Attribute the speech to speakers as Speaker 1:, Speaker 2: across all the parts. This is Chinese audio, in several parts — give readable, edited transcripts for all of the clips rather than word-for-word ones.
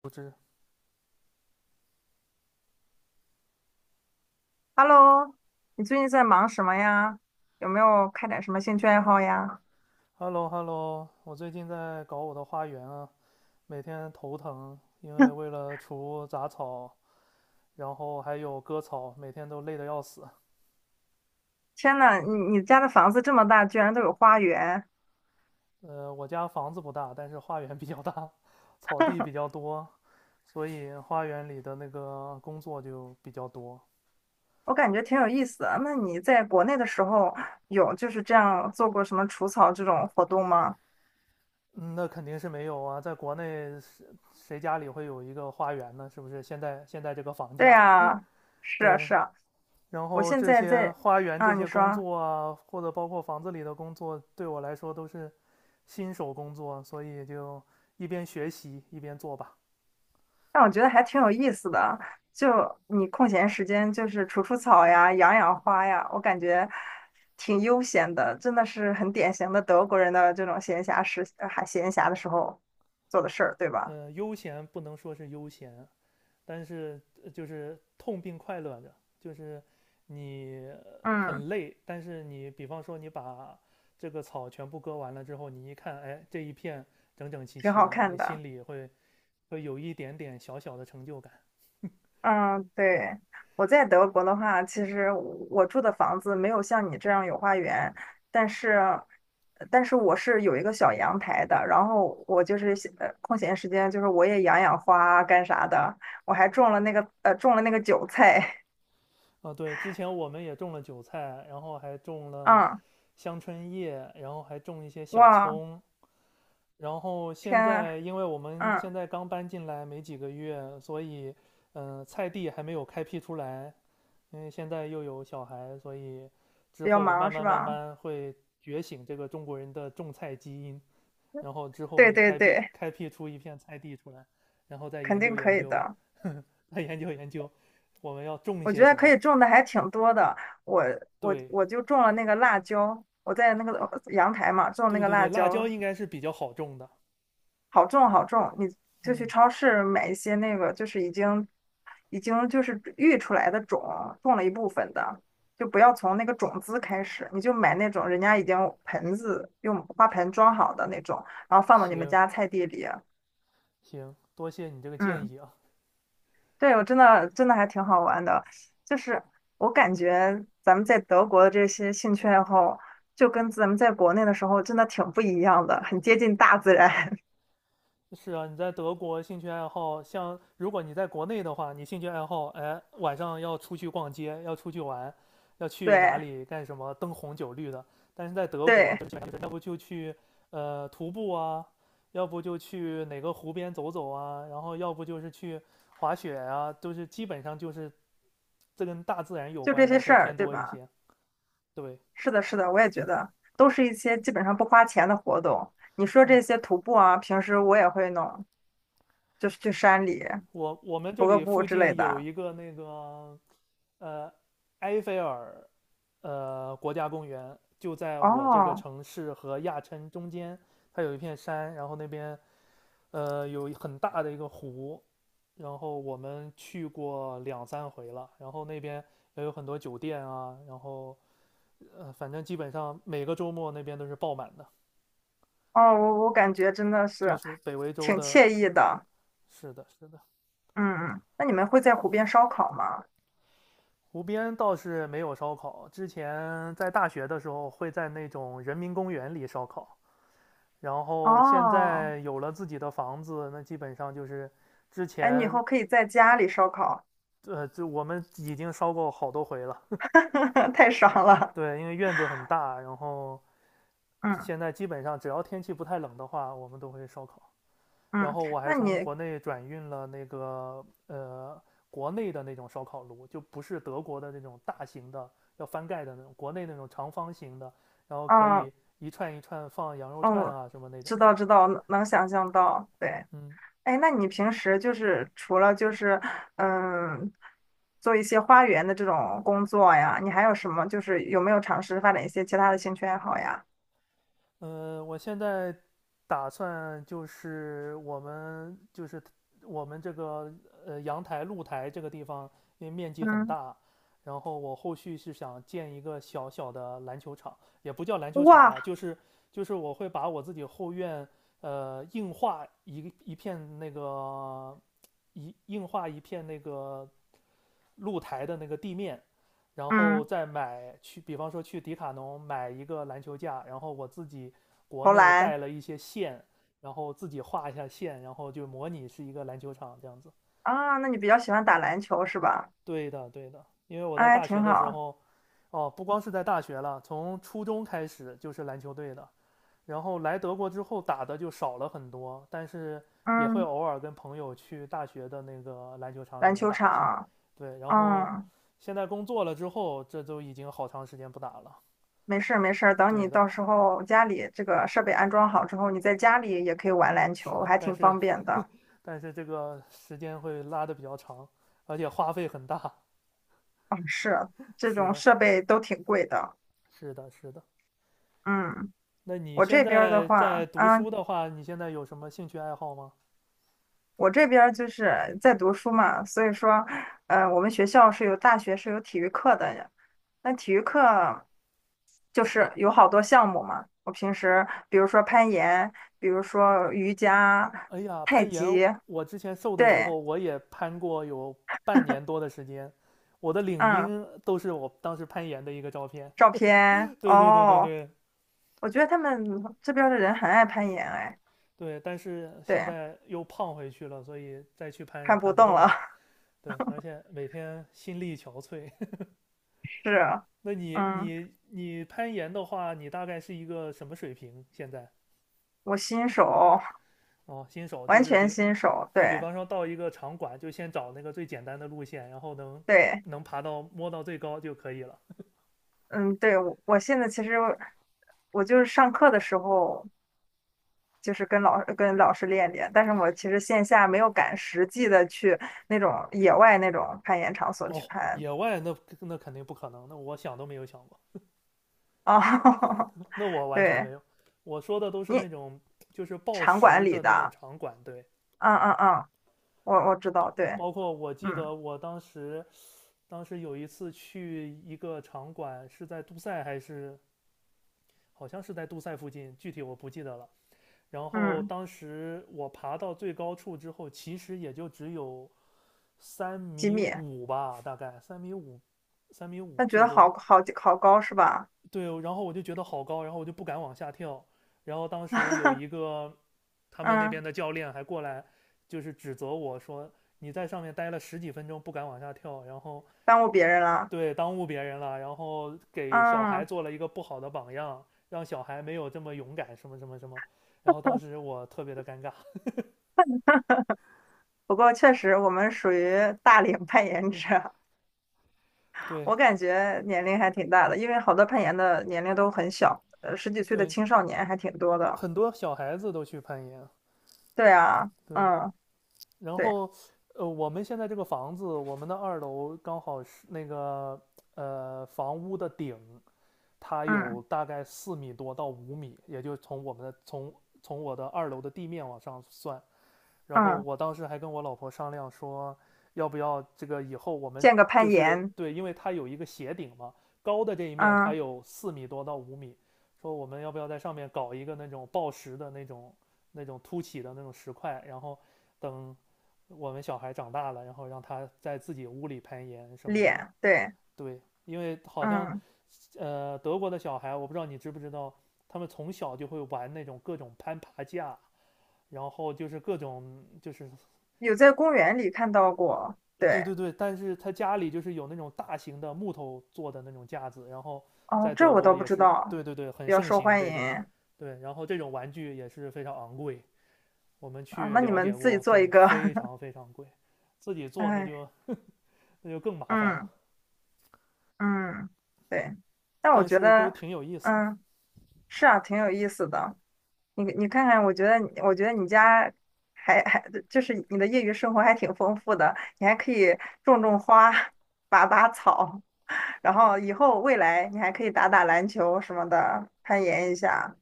Speaker 1: 不知
Speaker 2: Hello，你最近在忙什么呀？有没有开展什么兴趣爱好呀？
Speaker 1: Hello hello 我最近在搞我的花园啊，每天头疼，为了除杂草，然后还有割草，每天都累得要死。
Speaker 2: 天呐，你家的房子这么大，居然都有花园，
Speaker 1: 我家房子不大，但是花园比较大，草地比较多，所以花园里的那个工作就比较多。
Speaker 2: 我感觉挺有意思的。那你在国内的时候有就是这样做过什么除草这种活动吗？
Speaker 1: 嗯，那肯定是没有啊，在国内谁家里会有一个花园呢？是不是？现在这个房
Speaker 2: 对
Speaker 1: 价，
Speaker 2: 呀，是啊
Speaker 1: 对，
Speaker 2: 是啊，
Speaker 1: 然
Speaker 2: 我
Speaker 1: 后
Speaker 2: 现
Speaker 1: 这
Speaker 2: 在
Speaker 1: 些
Speaker 2: 在
Speaker 1: 花园
Speaker 2: 啊，
Speaker 1: 这
Speaker 2: 你
Speaker 1: 些工
Speaker 2: 说。
Speaker 1: 作啊，或者包括房子里的工作，对我来说都是新手工作，所以就一边学习一边做吧。
Speaker 2: 但我觉得还挺有意思的。就你空闲时间，就是除除草呀，养养花呀，我感觉挺悠闲的，真的是很典型的德国人的这种闲暇时，还闲暇的时候做的事儿，对吧？
Speaker 1: 悠闲不能说是悠闲，但是就是痛并快乐着，就是你
Speaker 2: 嗯，
Speaker 1: 很累，但是你比方说你把这个草全部割完了之后，你一看，哎，这一片整整齐
Speaker 2: 挺
Speaker 1: 齐
Speaker 2: 好
Speaker 1: 的，
Speaker 2: 看
Speaker 1: 你
Speaker 2: 的。
Speaker 1: 心里会有一点点小小的成就感。
Speaker 2: 嗯，对，我在德国的话，其实我住的房子没有像你这样有花园，但是，但是我是有一个小阳台的，然后我就是空闲时间，就是我也养养花啊干啥的，我还种了种了那个韭菜。
Speaker 1: 啊，对，之前我们也种了韭菜，然后还 种了
Speaker 2: 嗯，
Speaker 1: 香椿叶，然后还种一些小
Speaker 2: 哇，
Speaker 1: 葱。然后
Speaker 2: 天
Speaker 1: 现
Speaker 2: 啊
Speaker 1: 在，因为我们
Speaker 2: 嗯，
Speaker 1: 现在刚搬进来没几个月，所以，菜地还没有开辟出来。因为现在又有小孩，所以之
Speaker 2: 比较
Speaker 1: 后
Speaker 2: 忙
Speaker 1: 慢
Speaker 2: 是
Speaker 1: 慢慢
Speaker 2: 吧？
Speaker 1: 慢会觉醒这个中国人的种菜基因，然后之后
Speaker 2: 对
Speaker 1: 会
Speaker 2: 对
Speaker 1: 开辟
Speaker 2: 对，
Speaker 1: 开辟出一片菜地出来，然后再
Speaker 2: 肯
Speaker 1: 研究
Speaker 2: 定可
Speaker 1: 研
Speaker 2: 以
Speaker 1: 究，
Speaker 2: 的，
Speaker 1: 再研究研究，我们要种一
Speaker 2: 我觉
Speaker 1: 些
Speaker 2: 得
Speaker 1: 什
Speaker 2: 可
Speaker 1: 么？
Speaker 2: 以种的还挺多的，我我
Speaker 1: 对，
Speaker 2: 我就种了那个辣椒，我在那个阳台嘛种那
Speaker 1: 对
Speaker 2: 个
Speaker 1: 对对，
Speaker 2: 辣
Speaker 1: 辣椒
Speaker 2: 椒。
Speaker 1: 应该是比较好种的。
Speaker 2: 好种好种，你就去
Speaker 1: 嗯，
Speaker 2: 超市买一些那个，就是已经就是育出来的种，种了一部分的，就不要从那个种子开始，你就买那种人家已经盆子用花盆装好的那种，然后放到你们
Speaker 1: 行
Speaker 2: 家菜地里。
Speaker 1: 行，多谢你这个建
Speaker 2: 嗯，
Speaker 1: 议啊。
Speaker 2: 对，我真的还挺好玩的，就是我感觉咱们在德国的这些兴趣爱好，就跟咱们在国内的时候真的挺不一样的，很接近大自然。
Speaker 1: 是啊，你在德国兴趣爱好，像如果你在国内的话，你兴趣爱好，哎，晚上要出去逛街，要出去玩，要去哪
Speaker 2: 对
Speaker 1: 里干什么，灯红酒绿的。但是在德国，
Speaker 2: 对，
Speaker 1: 就是要不就去徒步啊，要不就去哪个湖边走走啊，然后要不就是去滑雪啊，都是基本上就是这跟大自然有
Speaker 2: 就这
Speaker 1: 关
Speaker 2: 些
Speaker 1: 的
Speaker 2: 事
Speaker 1: 会
Speaker 2: 儿，
Speaker 1: 偏
Speaker 2: 对
Speaker 1: 多一
Speaker 2: 吧？
Speaker 1: 些。对，
Speaker 2: 是的，是的，我也觉得都是一些基本上不花钱的活动。你说
Speaker 1: 对，
Speaker 2: 这些徒步啊，平时我也会弄，就是去山里
Speaker 1: 我们这
Speaker 2: 徒个
Speaker 1: 里
Speaker 2: 步
Speaker 1: 附
Speaker 2: 之类
Speaker 1: 近有
Speaker 2: 的。
Speaker 1: 一个那个呃埃菲尔国家公园，就在我这个
Speaker 2: 哦
Speaker 1: 城市和亚琛中间，它有一片山，然后那边有很大的一个湖，然后我们去过两三回了，然后那边也有很多酒店啊，然后反正基本上每个周末那边都是爆满的，
Speaker 2: 哦，我我感觉真的
Speaker 1: 就
Speaker 2: 是
Speaker 1: 是北维州
Speaker 2: 挺
Speaker 1: 的，
Speaker 2: 惬意的。
Speaker 1: 是的，是的。
Speaker 2: 嗯，嗯，那你们会在湖边烧烤吗？
Speaker 1: 湖边倒是没有烧烤，之前在大学的时候会在那种人民公园里烧烤，然后现
Speaker 2: 哦，
Speaker 1: 在有了自己的房子，那基本上就是之
Speaker 2: 哎，你以
Speaker 1: 前
Speaker 2: 后可以在家里烧烤。
Speaker 1: 就我们已经烧过好多回了。
Speaker 2: 太爽了。
Speaker 1: 对，因为院子很大，然后
Speaker 2: 嗯
Speaker 1: 现在基本上只要天气不太冷的话，我们都会烧烤。然
Speaker 2: 嗯，
Speaker 1: 后我还
Speaker 2: 那
Speaker 1: 从
Speaker 2: 你，
Speaker 1: 国内转运了那个国内的那种烧烤炉，就不是德国的那种大型的要翻盖的那种，国内那种长方形的，然后可
Speaker 2: 嗯
Speaker 1: 以一串一串放羊肉串
Speaker 2: 哦，
Speaker 1: 啊什么那种
Speaker 2: 知
Speaker 1: 的。
Speaker 2: 道知道，能能想象到，对。
Speaker 1: 嗯，
Speaker 2: 哎，那你平时就是除了就是嗯，做一些花园的这种工作呀，你还有什么就是有没有尝试发展一些其他的兴趣爱好呀？
Speaker 1: 我现在打算就是我们这个阳台露台这个地方，因为面积很
Speaker 2: 嗯，
Speaker 1: 大，然后我后续是想建一个小小的篮球场，也不叫篮球场了，
Speaker 2: 哇，
Speaker 1: 就是我会把我自己后院呃硬化一一片那个硬化一片那个露台的那个地面，然后
Speaker 2: 嗯，
Speaker 1: 再买去，比方说去迪卡侬买一个篮球架，然后我自己国
Speaker 2: 投
Speaker 1: 内
Speaker 2: 篮
Speaker 1: 带了一些线，然后自己画一下线，然后就模拟是一个篮球场这样子。
Speaker 2: 啊，那你比较喜欢打篮球是吧？
Speaker 1: 对的，对的，因为我在
Speaker 2: 哎，
Speaker 1: 大
Speaker 2: 挺
Speaker 1: 学的时
Speaker 2: 好，
Speaker 1: 候，哦，不光是在大学了，从初中开始就是篮球队的，然后来德国之后打的就少了很多，但是也会
Speaker 2: 嗯，
Speaker 1: 偶尔跟朋友去大学的那个篮球场里
Speaker 2: 篮
Speaker 1: 面
Speaker 2: 球
Speaker 1: 打一下。
Speaker 2: 场，
Speaker 1: 对，然后
Speaker 2: 嗯，
Speaker 1: 现在工作了之后，这都已经好长时间不打了。
Speaker 2: 没事儿没事儿，等
Speaker 1: 对
Speaker 2: 你
Speaker 1: 的，
Speaker 2: 到时候家里这个设备安装好之后，你在家里也可以玩篮
Speaker 1: 是
Speaker 2: 球，
Speaker 1: 的，
Speaker 2: 还
Speaker 1: 但
Speaker 2: 挺
Speaker 1: 是
Speaker 2: 方便的。
Speaker 1: 但是这个时间会拉的比较长，而且花费很大。
Speaker 2: 嗯，是，这
Speaker 1: 是
Speaker 2: 种
Speaker 1: 的，
Speaker 2: 设备都挺贵的，
Speaker 1: 是的，是的。
Speaker 2: 嗯。
Speaker 1: 那你
Speaker 2: 我
Speaker 1: 现
Speaker 2: 这边儿的
Speaker 1: 在在
Speaker 2: 话，
Speaker 1: 读
Speaker 2: 啊，
Speaker 1: 书的话，你现在有什么兴趣爱好吗？
Speaker 2: 我这边儿就是在读书嘛，所以说，我们学校是有大学是有体育课的，那体育课就是有好多项目嘛。我平时比如说攀岩，比如说瑜伽、
Speaker 1: 哎呀，
Speaker 2: 太
Speaker 1: 攀岩，
Speaker 2: 极，
Speaker 1: 我之前瘦的时
Speaker 2: 对，
Speaker 1: 候我也攀过有半年多的时间，我的领
Speaker 2: 嗯，
Speaker 1: 英都是我当时攀岩的一个照片。
Speaker 2: 照片，
Speaker 1: 对对对对
Speaker 2: 哦，
Speaker 1: 对
Speaker 2: 我觉得他们这边儿的人很爱攀岩，哎，
Speaker 1: 对，但是现
Speaker 2: 对，
Speaker 1: 在又胖回去了，所以再去攀也
Speaker 2: 攀不
Speaker 1: 攀不
Speaker 2: 动
Speaker 1: 动
Speaker 2: 了，
Speaker 1: 了。对，而且每天心力憔悴。
Speaker 2: 是，
Speaker 1: 那你
Speaker 2: 嗯，
Speaker 1: 你你攀岩的话，你大概是一个什么水平？现在
Speaker 2: 我新手，
Speaker 1: 哦，新手就
Speaker 2: 完
Speaker 1: 是
Speaker 2: 全新手，
Speaker 1: 就比
Speaker 2: 对。
Speaker 1: 方说到一个场馆，就先找那个最简单的路线，然后能
Speaker 2: 对，
Speaker 1: 能爬到摸到最高就可以了。
Speaker 2: 嗯，对，我我现在其实我就是上课的时候，就是跟老师练练，但是我其实线下没有敢实际的去那种野外那种攀岩场所去
Speaker 1: 哦，
Speaker 2: 攀
Speaker 1: 野外那肯定不可能，那我想都没有想过，
Speaker 2: 啊。
Speaker 1: 那我完全
Speaker 2: 对，
Speaker 1: 没有。我说的都是
Speaker 2: 你
Speaker 1: 那种就是报
Speaker 2: 场馆
Speaker 1: 时
Speaker 2: 里
Speaker 1: 的那种
Speaker 2: 的，
Speaker 1: 场馆，对，
Speaker 2: 嗯嗯嗯，我我知道，对，
Speaker 1: 包括我记
Speaker 2: 嗯
Speaker 1: 得我当时有一次去一个场馆，是在杜塞还是好像是在杜塞附近，具体我不记得了。然后
Speaker 2: 嗯，
Speaker 1: 当时我爬到最高处之后，其实也就只有三
Speaker 2: 几
Speaker 1: 米
Speaker 2: 米，
Speaker 1: 五吧，大概三米五，三米
Speaker 2: 那
Speaker 1: 五
Speaker 2: 觉
Speaker 1: 最
Speaker 2: 得
Speaker 1: 多。
Speaker 2: 好高是吧？
Speaker 1: 对，然后我就觉得好高，然后我就不敢往下跳。然后当时有一 个他们那
Speaker 2: 嗯，
Speaker 1: 边的教练还过来，就是指责我说你在上面待了十几分钟不敢往下跳，然后
Speaker 2: 耽误别人了，
Speaker 1: 对耽误别人了，然后给小孩
Speaker 2: 嗯，
Speaker 1: 做了一个不好的榜样，让小孩没有这么勇敢，什么什么什么。然后当时我特别的尴尬，
Speaker 2: 不过确实我们属于大龄 攀岩者。
Speaker 1: 对
Speaker 2: 我感觉年龄还挺大的，因为好多攀岩的年龄都很小，十几岁的
Speaker 1: 对，
Speaker 2: 青少年还挺多的。
Speaker 1: 很多小孩子都去攀岩，
Speaker 2: 对啊，
Speaker 1: 对
Speaker 2: 嗯，
Speaker 1: 然
Speaker 2: 对，
Speaker 1: 后，我们现在这个房子，我们的二楼刚好是那个房屋的顶，它
Speaker 2: 嗯
Speaker 1: 有大概四米多到五米，也就从我的二楼的地面往上算，然后
Speaker 2: 嗯，
Speaker 1: 我当时还跟我老婆商量说，要不要这个以后我们
Speaker 2: 见个攀岩，
Speaker 1: 对，因为它有一个斜顶嘛，高的这一面它
Speaker 2: 嗯，
Speaker 1: 有四米多到五米，说我们要不要在上面搞一个那种抱石的那种凸起的那种石块，然后等我们小孩长大了，然后让他在自己屋里攀岩什么这种。
Speaker 2: 练，对，
Speaker 1: 对，因为好像
Speaker 2: 嗯，
Speaker 1: 德国的小孩，我不知道你知不知道，他们从小就会玩那种各种攀爬架。然后就是各种就是
Speaker 2: 有在公园里看到过，
Speaker 1: 对
Speaker 2: 对，
Speaker 1: 对对，但是他家里就是有那种大型的木头做的那种架子，然后
Speaker 2: 哦，
Speaker 1: 在
Speaker 2: 这
Speaker 1: 德
Speaker 2: 我
Speaker 1: 国
Speaker 2: 倒不
Speaker 1: 也
Speaker 2: 知
Speaker 1: 是，
Speaker 2: 道，
Speaker 1: 对对对，很
Speaker 2: 比较
Speaker 1: 盛
Speaker 2: 受
Speaker 1: 行
Speaker 2: 欢
Speaker 1: 这个，
Speaker 2: 迎
Speaker 1: 对，然后这种玩具也是非常昂贵，我们
Speaker 2: 啊。
Speaker 1: 去
Speaker 2: 那你
Speaker 1: 了
Speaker 2: 们
Speaker 1: 解
Speaker 2: 自己
Speaker 1: 过，
Speaker 2: 做一
Speaker 1: 对，
Speaker 2: 个，
Speaker 1: 非常非常贵，自己 做那
Speaker 2: 哎，
Speaker 1: 就那就更麻烦了，
Speaker 2: 嗯嗯，对，但我
Speaker 1: 但
Speaker 2: 觉
Speaker 1: 是都
Speaker 2: 得，
Speaker 1: 挺有意思的。
Speaker 2: 嗯，是啊，挺有意思的。你看看，我觉得你家还还就是你的业余生活还挺丰富的，你还可以种种花、拔拔草，然后以后未来你还可以打打篮球什么的，攀岩一下。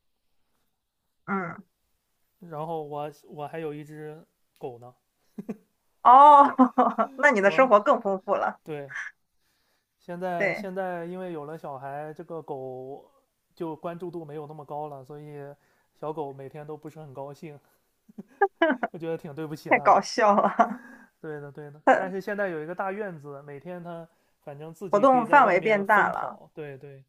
Speaker 2: 嗯，
Speaker 1: 然后我还有一只狗呢，
Speaker 2: 哦，那你的生
Speaker 1: 我
Speaker 2: 活更丰富了。
Speaker 1: 对，现在
Speaker 2: 对，
Speaker 1: 现在因为有了小孩，这个狗就关注度没有那么高了，所以小狗每天都不是很高兴。我觉得挺对不起
Speaker 2: 太
Speaker 1: 他的。
Speaker 2: 搞笑了，
Speaker 1: 对的，对的。但是现在有一个大院子，每天他反正自
Speaker 2: 活
Speaker 1: 己可以
Speaker 2: 动
Speaker 1: 在
Speaker 2: 范
Speaker 1: 外
Speaker 2: 围
Speaker 1: 面
Speaker 2: 变大
Speaker 1: 疯
Speaker 2: 了。
Speaker 1: 跑。对对，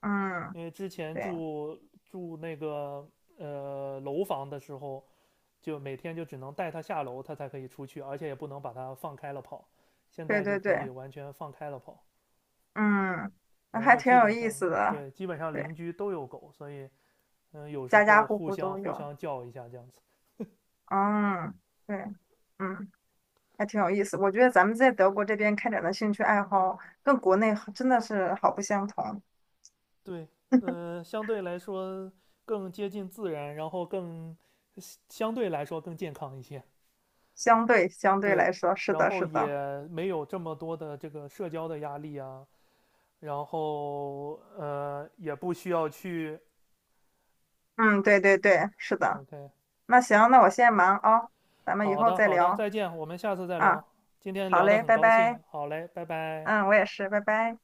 Speaker 2: 嗯，
Speaker 1: 因为之前
Speaker 2: 对
Speaker 1: 住那个楼房的时候，就每天就只能带他下楼，他才可以出去，而且也不能把他放开了跑。现
Speaker 2: 对
Speaker 1: 在就
Speaker 2: 对
Speaker 1: 可以
Speaker 2: 对，
Speaker 1: 完全放开了跑，
Speaker 2: 嗯，那
Speaker 1: 然
Speaker 2: 还
Speaker 1: 后
Speaker 2: 挺
Speaker 1: 基
Speaker 2: 有
Speaker 1: 本
Speaker 2: 意
Speaker 1: 上
Speaker 2: 思的。
Speaker 1: 对，基本上邻
Speaker 2: 对，
Speaker 1: 居都有狗，所以有时
Speaker 2: 家家
Speaker 1: 候
Speaker 2: 户
Speaker 1: 互
Speaker 2: 户
Speaker 1: 相
Speaker 2: 都
Speaker 1: 互
Speaker 2: 有。
Speaker 1: 相叫一下这样子。
Speaker 2: 嗯，对。嗯。还挺有意思。我觉得咱们在德国这边开展的兴趣爱好，跟国内好真的是好不相同。
Speaker 1: 对，相对来说更接近自然，然后相对来说更健康一些。
Speaker 2: 相对相对
Speaker 1: 对，
Speaker 2: 来说，是
Speaker 1: 然
Speaker 2: 的，
Speaker 1: 后
Speaker 2: 是
Speaker 1: 也
Speaker 2: 的，
Speaker 1: 没有这么多的这个社交的压力啊，然后也不需要去
Speaker 2: 嗯，对对对，是的。
Speaker 1: OK。
Speaker 2: 那行，那我先忙啊，咱们以
Speaker 1: 好
Speaker 2: 后
Speaker 1: 的，
Speaker 2: 再
Speaker 1: 好的，
Speaker 2: 聊
Speaker 1: 再见，我们下次再聊。
Speaker 2: 啊。
Speaker 1: 今天
Speaker 2: 好
Speaker 1: 聊得
Speaker 2: 嘞，
Speaker 1: 很
Speaker 2: 拜
Speaker 1: 高
Speaker 2: 拜。
Speaker 1: 兴，好嘞，拜拜。
Speaker 2: 嗯，我也是，拜拜。